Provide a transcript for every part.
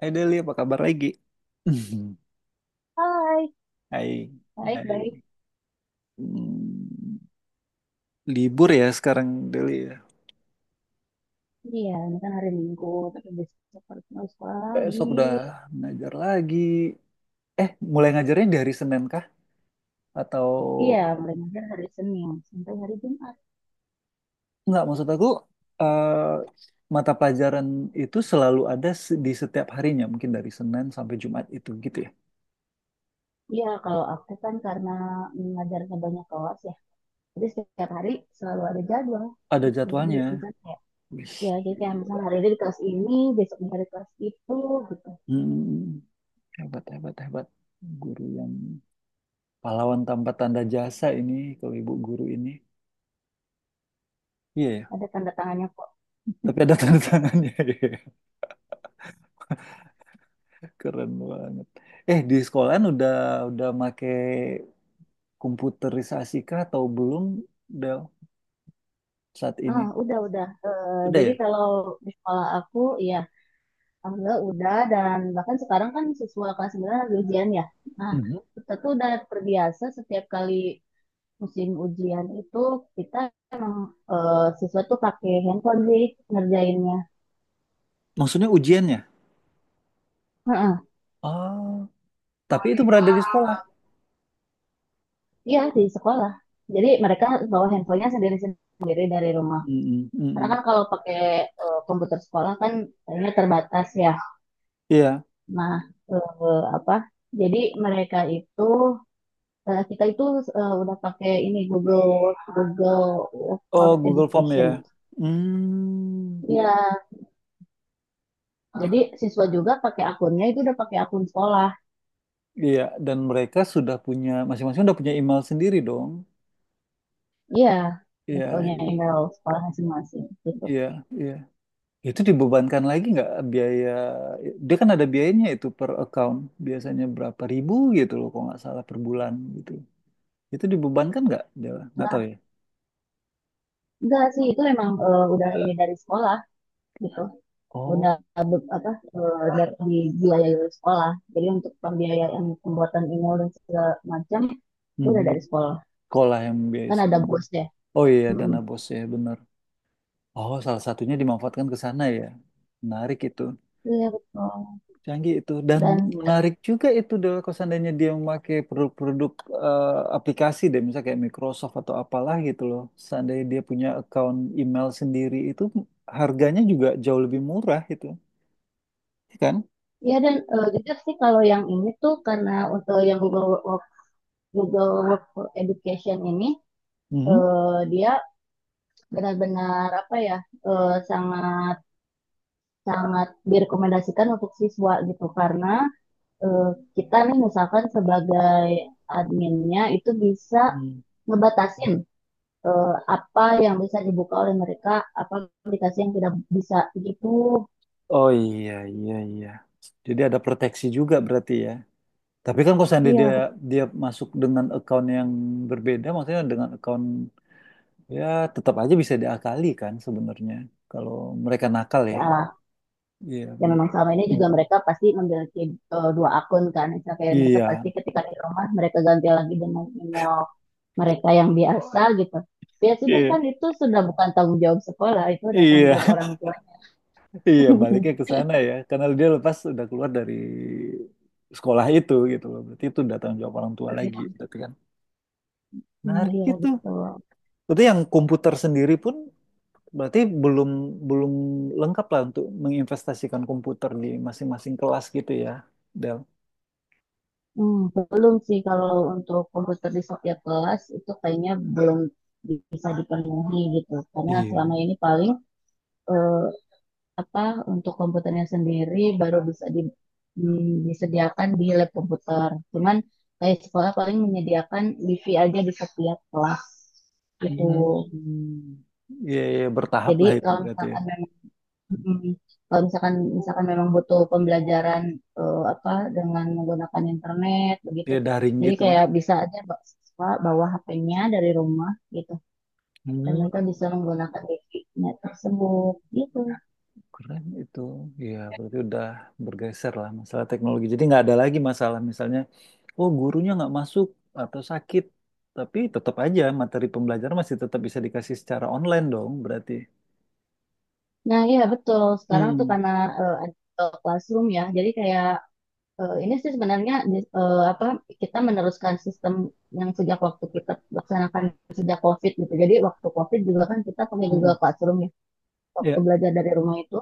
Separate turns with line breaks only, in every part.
Hai Deli, apa kabar lagi?
Hai,
Hai, hai.
baik-baik.
Hmm, Libur ya sekarang Deli ya.
Iya, ini kan hari Minggu, tapi besok harus mulai sekolah lagi.
Besok udah ngajar lagi. Eh, mulai ngajarnya dari Senin kah? Atau
Iya, mulai ngajar hari Senin sampai hari Jumat.
enggak, maksud aku eh, mata pelajaran itu selalu ada di setiap harinya, mungkin dari Senin sampai Jumat itu gitu ya.
Iya, kalau aku kan karena ngajarnya banyak kelas ya, jadi setiap hari selalu ada jadwal
Ada
gitu. Jadi
jadwalnya.
misalnya kayak,
Wih,
ya jadi kayak
gila.
misalnya hari ini di kelas ini, besok dari kelas itu gitu.
Hmm, Hebat, hebat, hebat. Guru yang pahlawan tanpa tanda jasa ini, kalau ibu guru ini. Iya.
Ada tanda tangannya kok.
Tapi ada tanda tangannya. Keren banget. Di sekolahan udah make komputerisasi kah atau belum Del saat
Ah,
ini?
udah, udah. Eh,
Udah
jadi
ya?
kalau di sekolah aku, ya Alhamdulillah udah dan bahkan sekarang kan siswa kelas 9 lagi ujian ya. Nah,
Mhm.
kita tuh udah terbiasa setiap kali musim ujian itu kita emang siswa tuh pakai handphone sih ngerjainnya.
Maksudnya ujiannya?
Heeh.
Oh, tapi itu berada di sekolah.
Iya di sekolah. Jadi mereka bawa handphonenya sendiri-sendiri dari rumah.
Mm-mm,
Karena
mm-mm.
kan kalau pakai komputer sekolah kan kayaknya terbatas ya.
Iya.
Nah, eh, apa? Jadi mereka itu kita itu udah pakai ini Google Google for
Oh, Google Form
Education.
ya. Hmm,
Iya, jadi siswa juga pakai akunnya itu udah pakai akun sekolah.
iya. Dan mereka sudah punya, masing-masing udah punya email sendiri dong.
Iya, udah
Iya,
punya
iya,
email sekolah masing-masing gitu.
iya. Iya. Itu dibebankan lagi nggak biaya? Dia kan ada biayanya itu per account. Biasanya berapa ribu gitu loh, kalau nggak salah per bulan gitu. Itu dibebankan nggak? Dia nggak tahu ya.
Enggak sih, itu emang udah ini dari sekolah gitu. Udah
Oh,
apa dari dibiayai oleh sekolah. Jadi untuk pembiayaan pembuatan email dan segala macam itu udah
mhm.
dari sekolah.
Sekolah yang biaya
Kan ada
semua.
bos ya.
Oh iya,
Mm-mm.
dana bos ya benar. Oh, salah satunya dimanfaatkan ke sana ya. Menarik itu.
Iya betul.
Canggih itu dan
Dan
menarik juga itu Del kalau seandainya dia memakai produk-produk eh, aplikasi deh misalnya kayak Microsoft atau apalah gitu loh. Seandainya dia punya account email sendiri itu harganya juga jauh lebih murah itu, ya kan?
ya dan jujur sih kalau yang ini tuh karena untuk yang Google Work, Google Work for Education ini
Mhm.
eh, dia benar-benar apa ya sangat sangat direkomendasikan untuk siswa gitu karena eh, kita nih misalkan sebagai adminnya itu bisa
Hmm.
ngebatasin eh, apa yang bisa dibuka oleh mereka, apa aplikasi yang tidak bisa gitu.
Oh iya iya iya. Jadi ada proteksi juga berarti ya. Tapi kan kalau seandainya dia
Iya, betul.
dia masuk dengan account yang berbeda maksudnya dengan account ya tetap aja bisa diakali kan sebenarnya kalau mereka nakal ya.
Ya,
Iya,
ya memang selama ini juga mereka pasti memiliki dua akun kan misalnya kayak mereka
iya,
pasti ketika di rumah mereka ganti lagi dengan email mereka yang biasa gitu, ya sudah,
iya.
kan itu sudah bukan tanggung jawab sekolah, itu udah tanggung jawab
Iya,
orang tua.
iya, baliknya ke sana ya. Karena dia lepas udah keluar dari sekolah itu gitu loh. Berarti itu udah tanggung jawab orang tua lagi, berarti kan.
Hmm,
Menarik
iya
itu.
betul.
Berarti yang komputer sendiri pun berarti belum belum lengkap lah untuk menginvestasikan komputer di masing-masing kelas gitu ya, Del.
Hmm, belum sih kalau untuk komputer di setiap kelas itu kayaknya belum bisa dipenuhi gitu, karena
Iya.
selama ini paling eh, apa untuk komputernya sendiri baru bisa disediakan di lab komputer. Cuman kayak sekolah paling menyediakan wifi aja di setiap kelas gitu.
Hmm. Iya, iya, bertahap
Jadi
lah itu
kalau
berarti ya.
misalkan memang mm, kalau misalkan misalkan memang butuh pembelajaran apa dengan menggunakan internet begitu.
Dia daring
Jadi
gitu.
kayak bisa aja siswa bawa HP-nya dari rumah gitu dan
Hmm.
mereka bisa menggunakan wifi-nya tersebut gitu.
Keren itu. Ya, berarti udah bergeser lah masalah teknologi. Jadi nggak ada lagi masalah misalnya, oh gurunya nggak masuk atau sakit. Tapi tetap aja materi pembelajaran masih tetap bisa dikasih secara online dong berarti.
Nah, iya betul. Sekarang tuh
Hmm,
karena ada Google Classroom ya, jadi kayak ini sih sebenarnya apa kita meneruskan sistem yang sejak waktu kita laksanakan sejak COVID gitu. Jadi waktu COVID juga kan kita pakai Google
hmm,
Classroom ya. Waktu
ya.
belajar dari rumah itu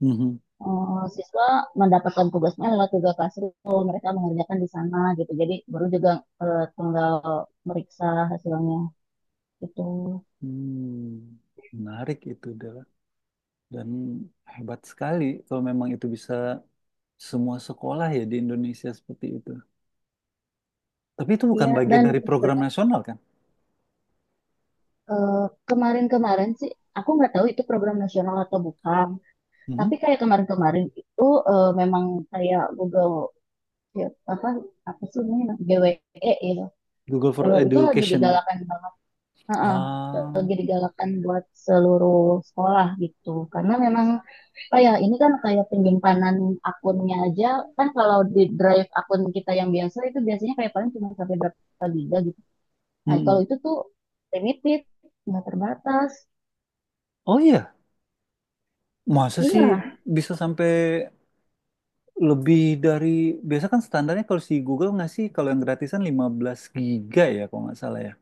Mhm.
siswa mendapatkan tugasnya lewat Google Classroom, mereka mengerjakan di sana gitu. Jadi baru juga tinggal meriksa hasilnya gitu.
Hmm, Menarik itu adalah dan hebat sekali kalau memang itu bisa semua sekolah ya di Indonesia seperti itu. Tapi itu bukan
Iya,
bagian
dan
dari program nasional kan?
Eh, kemarin-kemarin sih, aku nggak tahu itu program nasional atau bukan. Tapi
Mhm.
kayak kemarin-kemarin itu memang kayak Google ya, apa apa sih namanya GWE ya.
Google for
Itu lagi
Education.
digalakan banget. Heeh,
Ah,
lagi digalakan buat seluruh sekolah gitu. Karena memang apa ya, ini kan kayak penyimpanan akunnya aja, kan kalau di drive akun kita yang biasa itu biasanya kayak paling cuma sampai berapa giga gitu. Nah kalau
mhm.
itu tuh limited, nggak terbatas.
Oh iya, masa sih
Iya,
bisa sampai lebih dari biasa kan standarnya kalau si Google ngasih kalau yang gratisan 15 giga ya kalau nggak salah ya.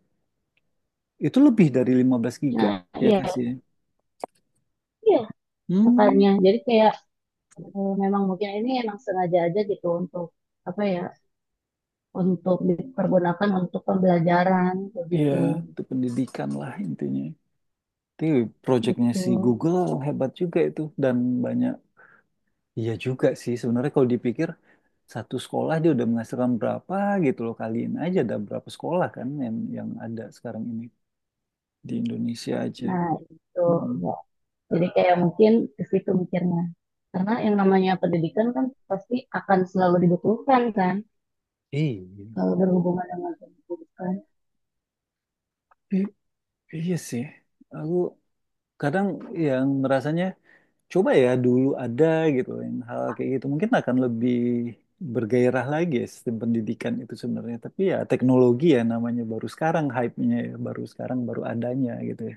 Itu lebih dari 15 giga
nah,
ya
iya,
kasih. Ya.
iya,
Hmm,
makanya. Jadi kayak memang mungkin ini emang sengaja aja gitu untuk apa ya, untuk dipergunakan untuk pembelajaran
iya,
begitu,
itu pendidikan lah intinya. Tapi projectnya si
betul.
Google hebat juga itu dan banyak iya juga sih sebenarnya kalau dipikir satu sekolah dia udah menghasilkan berapa gitu loh kaliin aja ada berapa sekolah kan yang ada sekarang ini di Indonesia aja.
Nah, itu
Mm-mm.
ya. Jadi kayak mungkin ke situ mikirnya. Karena yang namanya pendidikan kan pasti akan selalu dibutuhkan kan,
Iya.
kalau berhubungan dengan pendidikan.
I- iya sih. Aku kadang yang ngerasanya coba ya dulu ada gitu yang hal kayak gitu mungkin akan lebih bergairah lagi ya sistem pendidikan itu sebenarnya. Tapi ya teknologi ya namanya baru sekarang hype-nya ya baru sekarang baru adanya gitu ya.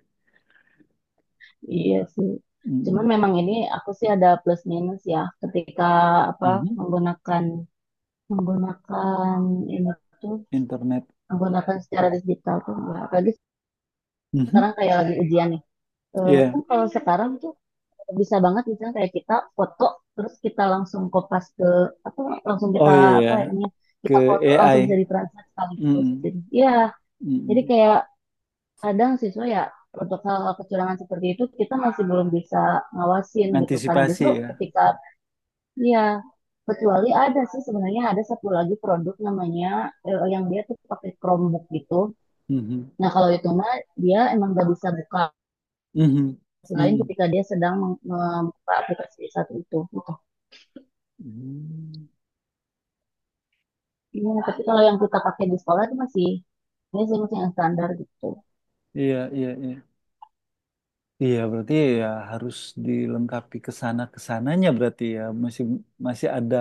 Iya sih. Cuman
Mm,
memang ini aku sih ada plus minus ya ketika apa
mhm.
menggunakan menggunakan ini tuh
Internet.
menggunakan secara digital tuh enggak. Apalagi
Mhm.
sekarang kayak lagi ujian nih. Kan
Iya.
kalau sekarang tuh bisa banget misalnya kayak kita foto terus kita langsung kopas ke apa, langsung kita
Oh iya ya.
apa ya namanya,
Ke
kita foto langsung
AI.
bisa ditranslate sekaligus
Mm,
gitu. Iya, jadi
mm.
kayak kadang siswa ya, untuk hal kecurangan seperti itu kita masih belum bisa ngawasin gitu kan,
Antisipasi
justru
ya.
ketika ya, kecuali ada sih sebenarnya, ada satu lagi produk namanya yang dia tuh pakai Chromebook gitu.
Mhm.
Nah, kalau itu mah dia emang gak bisa buka
Mhm.
selain
Mhm.
ketika dia sedang membuka aplikasi satu itu gitu.
Hmm.
Iya, tapi kalau yang kita pakai di sekolah itu masih ini sih, masih yang standar gitu.
Iya, iya, iya. Iya, berarti ya harus dilengkapi ke sana kesananya berarti ya masih masih ada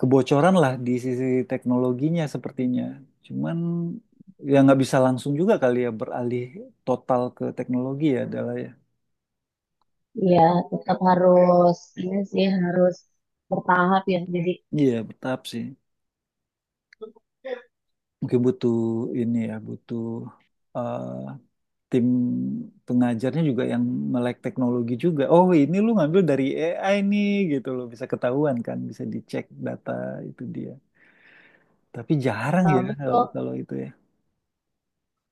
kebocoran lah di sisi teknologinya sepertinya. Cuman ya nggak bisa langsung juga kali ya beralih total ke teknologi ya adalah ya.
Iya, tetap harus ini sih, harus bertahap ya. Jadi
Iya, bertahap sih. Mungkin butuh ini ya, butuh eh, tim pengajarnya juga yang melek teknologi juga. Oh, ini lu ngambil dari AI nih gitu loh, bisa ketahuan kan, bisa dicek data itu dia. Tapi jarang ya kalau
betul.
kalau itu ya.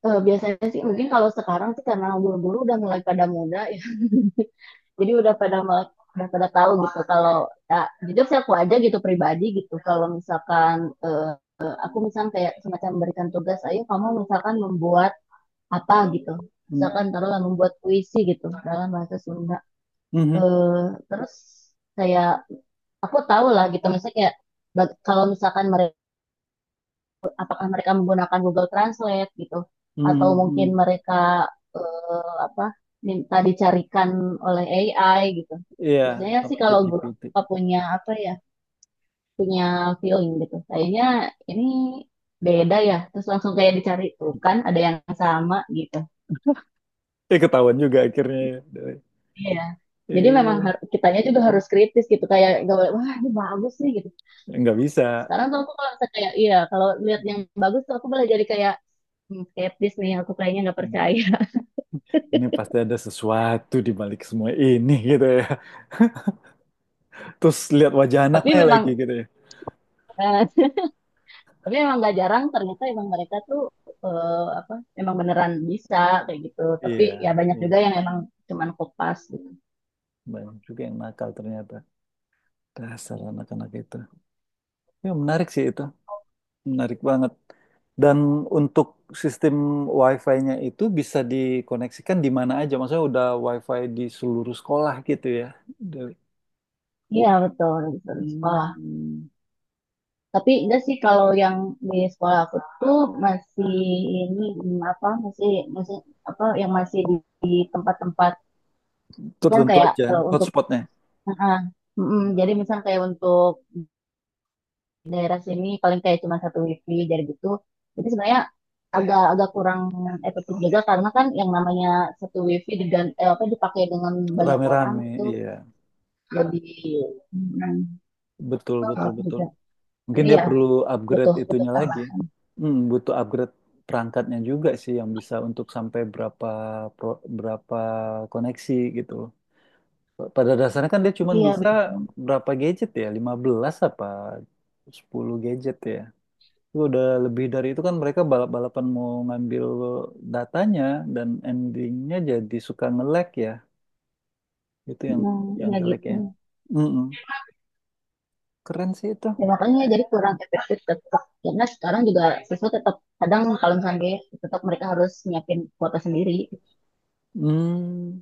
Biasanya sih mungkin kalau sekarang sih karena guru-guru udah mulai pada muda ya. Jadi udah pada udah pada tahu gitu kalau ya jujur sih aku aja gitu pribadi gitu kalau misalkan eh, aku misalkan kayak semacam memberikan tugas ayo kamu misalkan membuat apa gitu,
Hmm.
misalkan taruhlah membuat puisi gitu dalam bahasa Sunda.
Mhm.
Terus saya aku tahu lah gitu misalnya kayak, kalau misalkan mereka, apakah mereka menggunakan Google Translate gitu, atau
Mhm,
mungkin
mhm.
mereka apa minta dicarikan oleh AI gitu.
Iya,
Biasanya sih
sama
kalau guru
ChatGPT.
punya apa ya, punya feeling gitu. Kayaknya ini beda ya. Terus langsung kayak dicari tuh kan ada yang sama gitu.
Eh ketahuan juga akhirnya. Ya.
Iya. Jadi memang
Eh,
kitanya juga harus kritis gitu, kayak gak boleh wah ini bagus nih gitu.
nggak bisa.
Sekarang tuh aku kalau misalnya kayak iya, kalau lihat yang bagus tuh aku boleh jadi kayak, "Hmm, skeptis nih, aku kayaknya nggak
Hmm.
percaya."
Ini pasti ada sesuatu di balik semua ini gitu ya. Terus lihat wajah
Tapi
anaknya
memang
lagi gitu ya.
eh, tapi memang gak jarang ternyata emang mereka tuh apa emang beneran bisa kayak gitu. Tapi
Iya,
ya banyak juga
iya.
yang emang cuman kopas gitu.
Banyak juga yang nakal ternyata. Dasar anak-anak itu. Ya menarik sih itu. Menarik banget. Dan untuk sistem Wi-Fi-nya itu bisa dikoneksikan di mana aja. Maksudnya udah Wi-Fi di seluruh sekolah gitu ya. Dari-
Iya betul, betul. Sekolah.
Hmm,
Tapi enggak sih kalau yang di sekolah aku tuh masih ini apa, masih masih apa yang masih di tempat-tempat, kan
Tertentu
kayak
aja
untuk
hotspotnya.
ah, jadi misal kayak untuk daerah sini paling kayak cuma satu wifi jadi gitu. Jadi sebenarnya agak agak kurang efektif juga, karena kan yang namanya satu wifi apa dipakai dengan banyak orang
Rame-rame,
itu
iya.
lebih mm,
Betul, betul,
salah
betul.
juga.
Mungkin
Jadi
dia
ya
perlu upgrade
butuh butuh
itunya
tambah.
lagi. Butuh upgrade perangkatnya juga sih yang bisa untuk sampai berapa berapa koneksi gitu. Pada dasarnya kan dia cuma
Iya,
bisa
betul.
berapa gadget ya? 15 apa 10 gadget ya? Itu udah lebih dari itu kan mereka balap-balapan mau ngambil datanya dan endingnya jadi suka nge-lag ya. Itu yang
Nah, iya gitu.
jeleknya. Mm-mm. Keren sih itu.
Ya, makanya jadi kurang efektif tetap. Karena sekarang juga siswa tetap kadang kalau misalnya gaya, tetap mereka harus nyiapin kuota sendiri.
Hmm,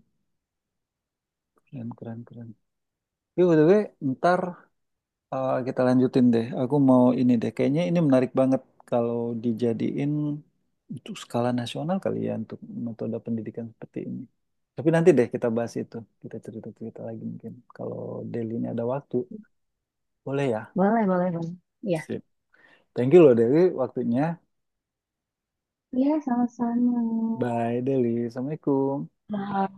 Keren, keren, keren. Tapi by the way, ntar kita lanjutin deh. Aku mau ini deh. Kayaknya ini menarik banget kalau dijadiin untuk skala nasional kali ya untuk metode pendidikan seperti ini. Tapi nanti deh kita bahas itu. Kita cerita-cerita lagi mungkin. Kalau Deli ini ada waktu, boleh ya?
Boleh, boleh, boleh. Iya.
Sip. Thank you loh Deli waktunya.
Iya, sama-sama.
Bye Deli. Assalamualaikum.
Wah,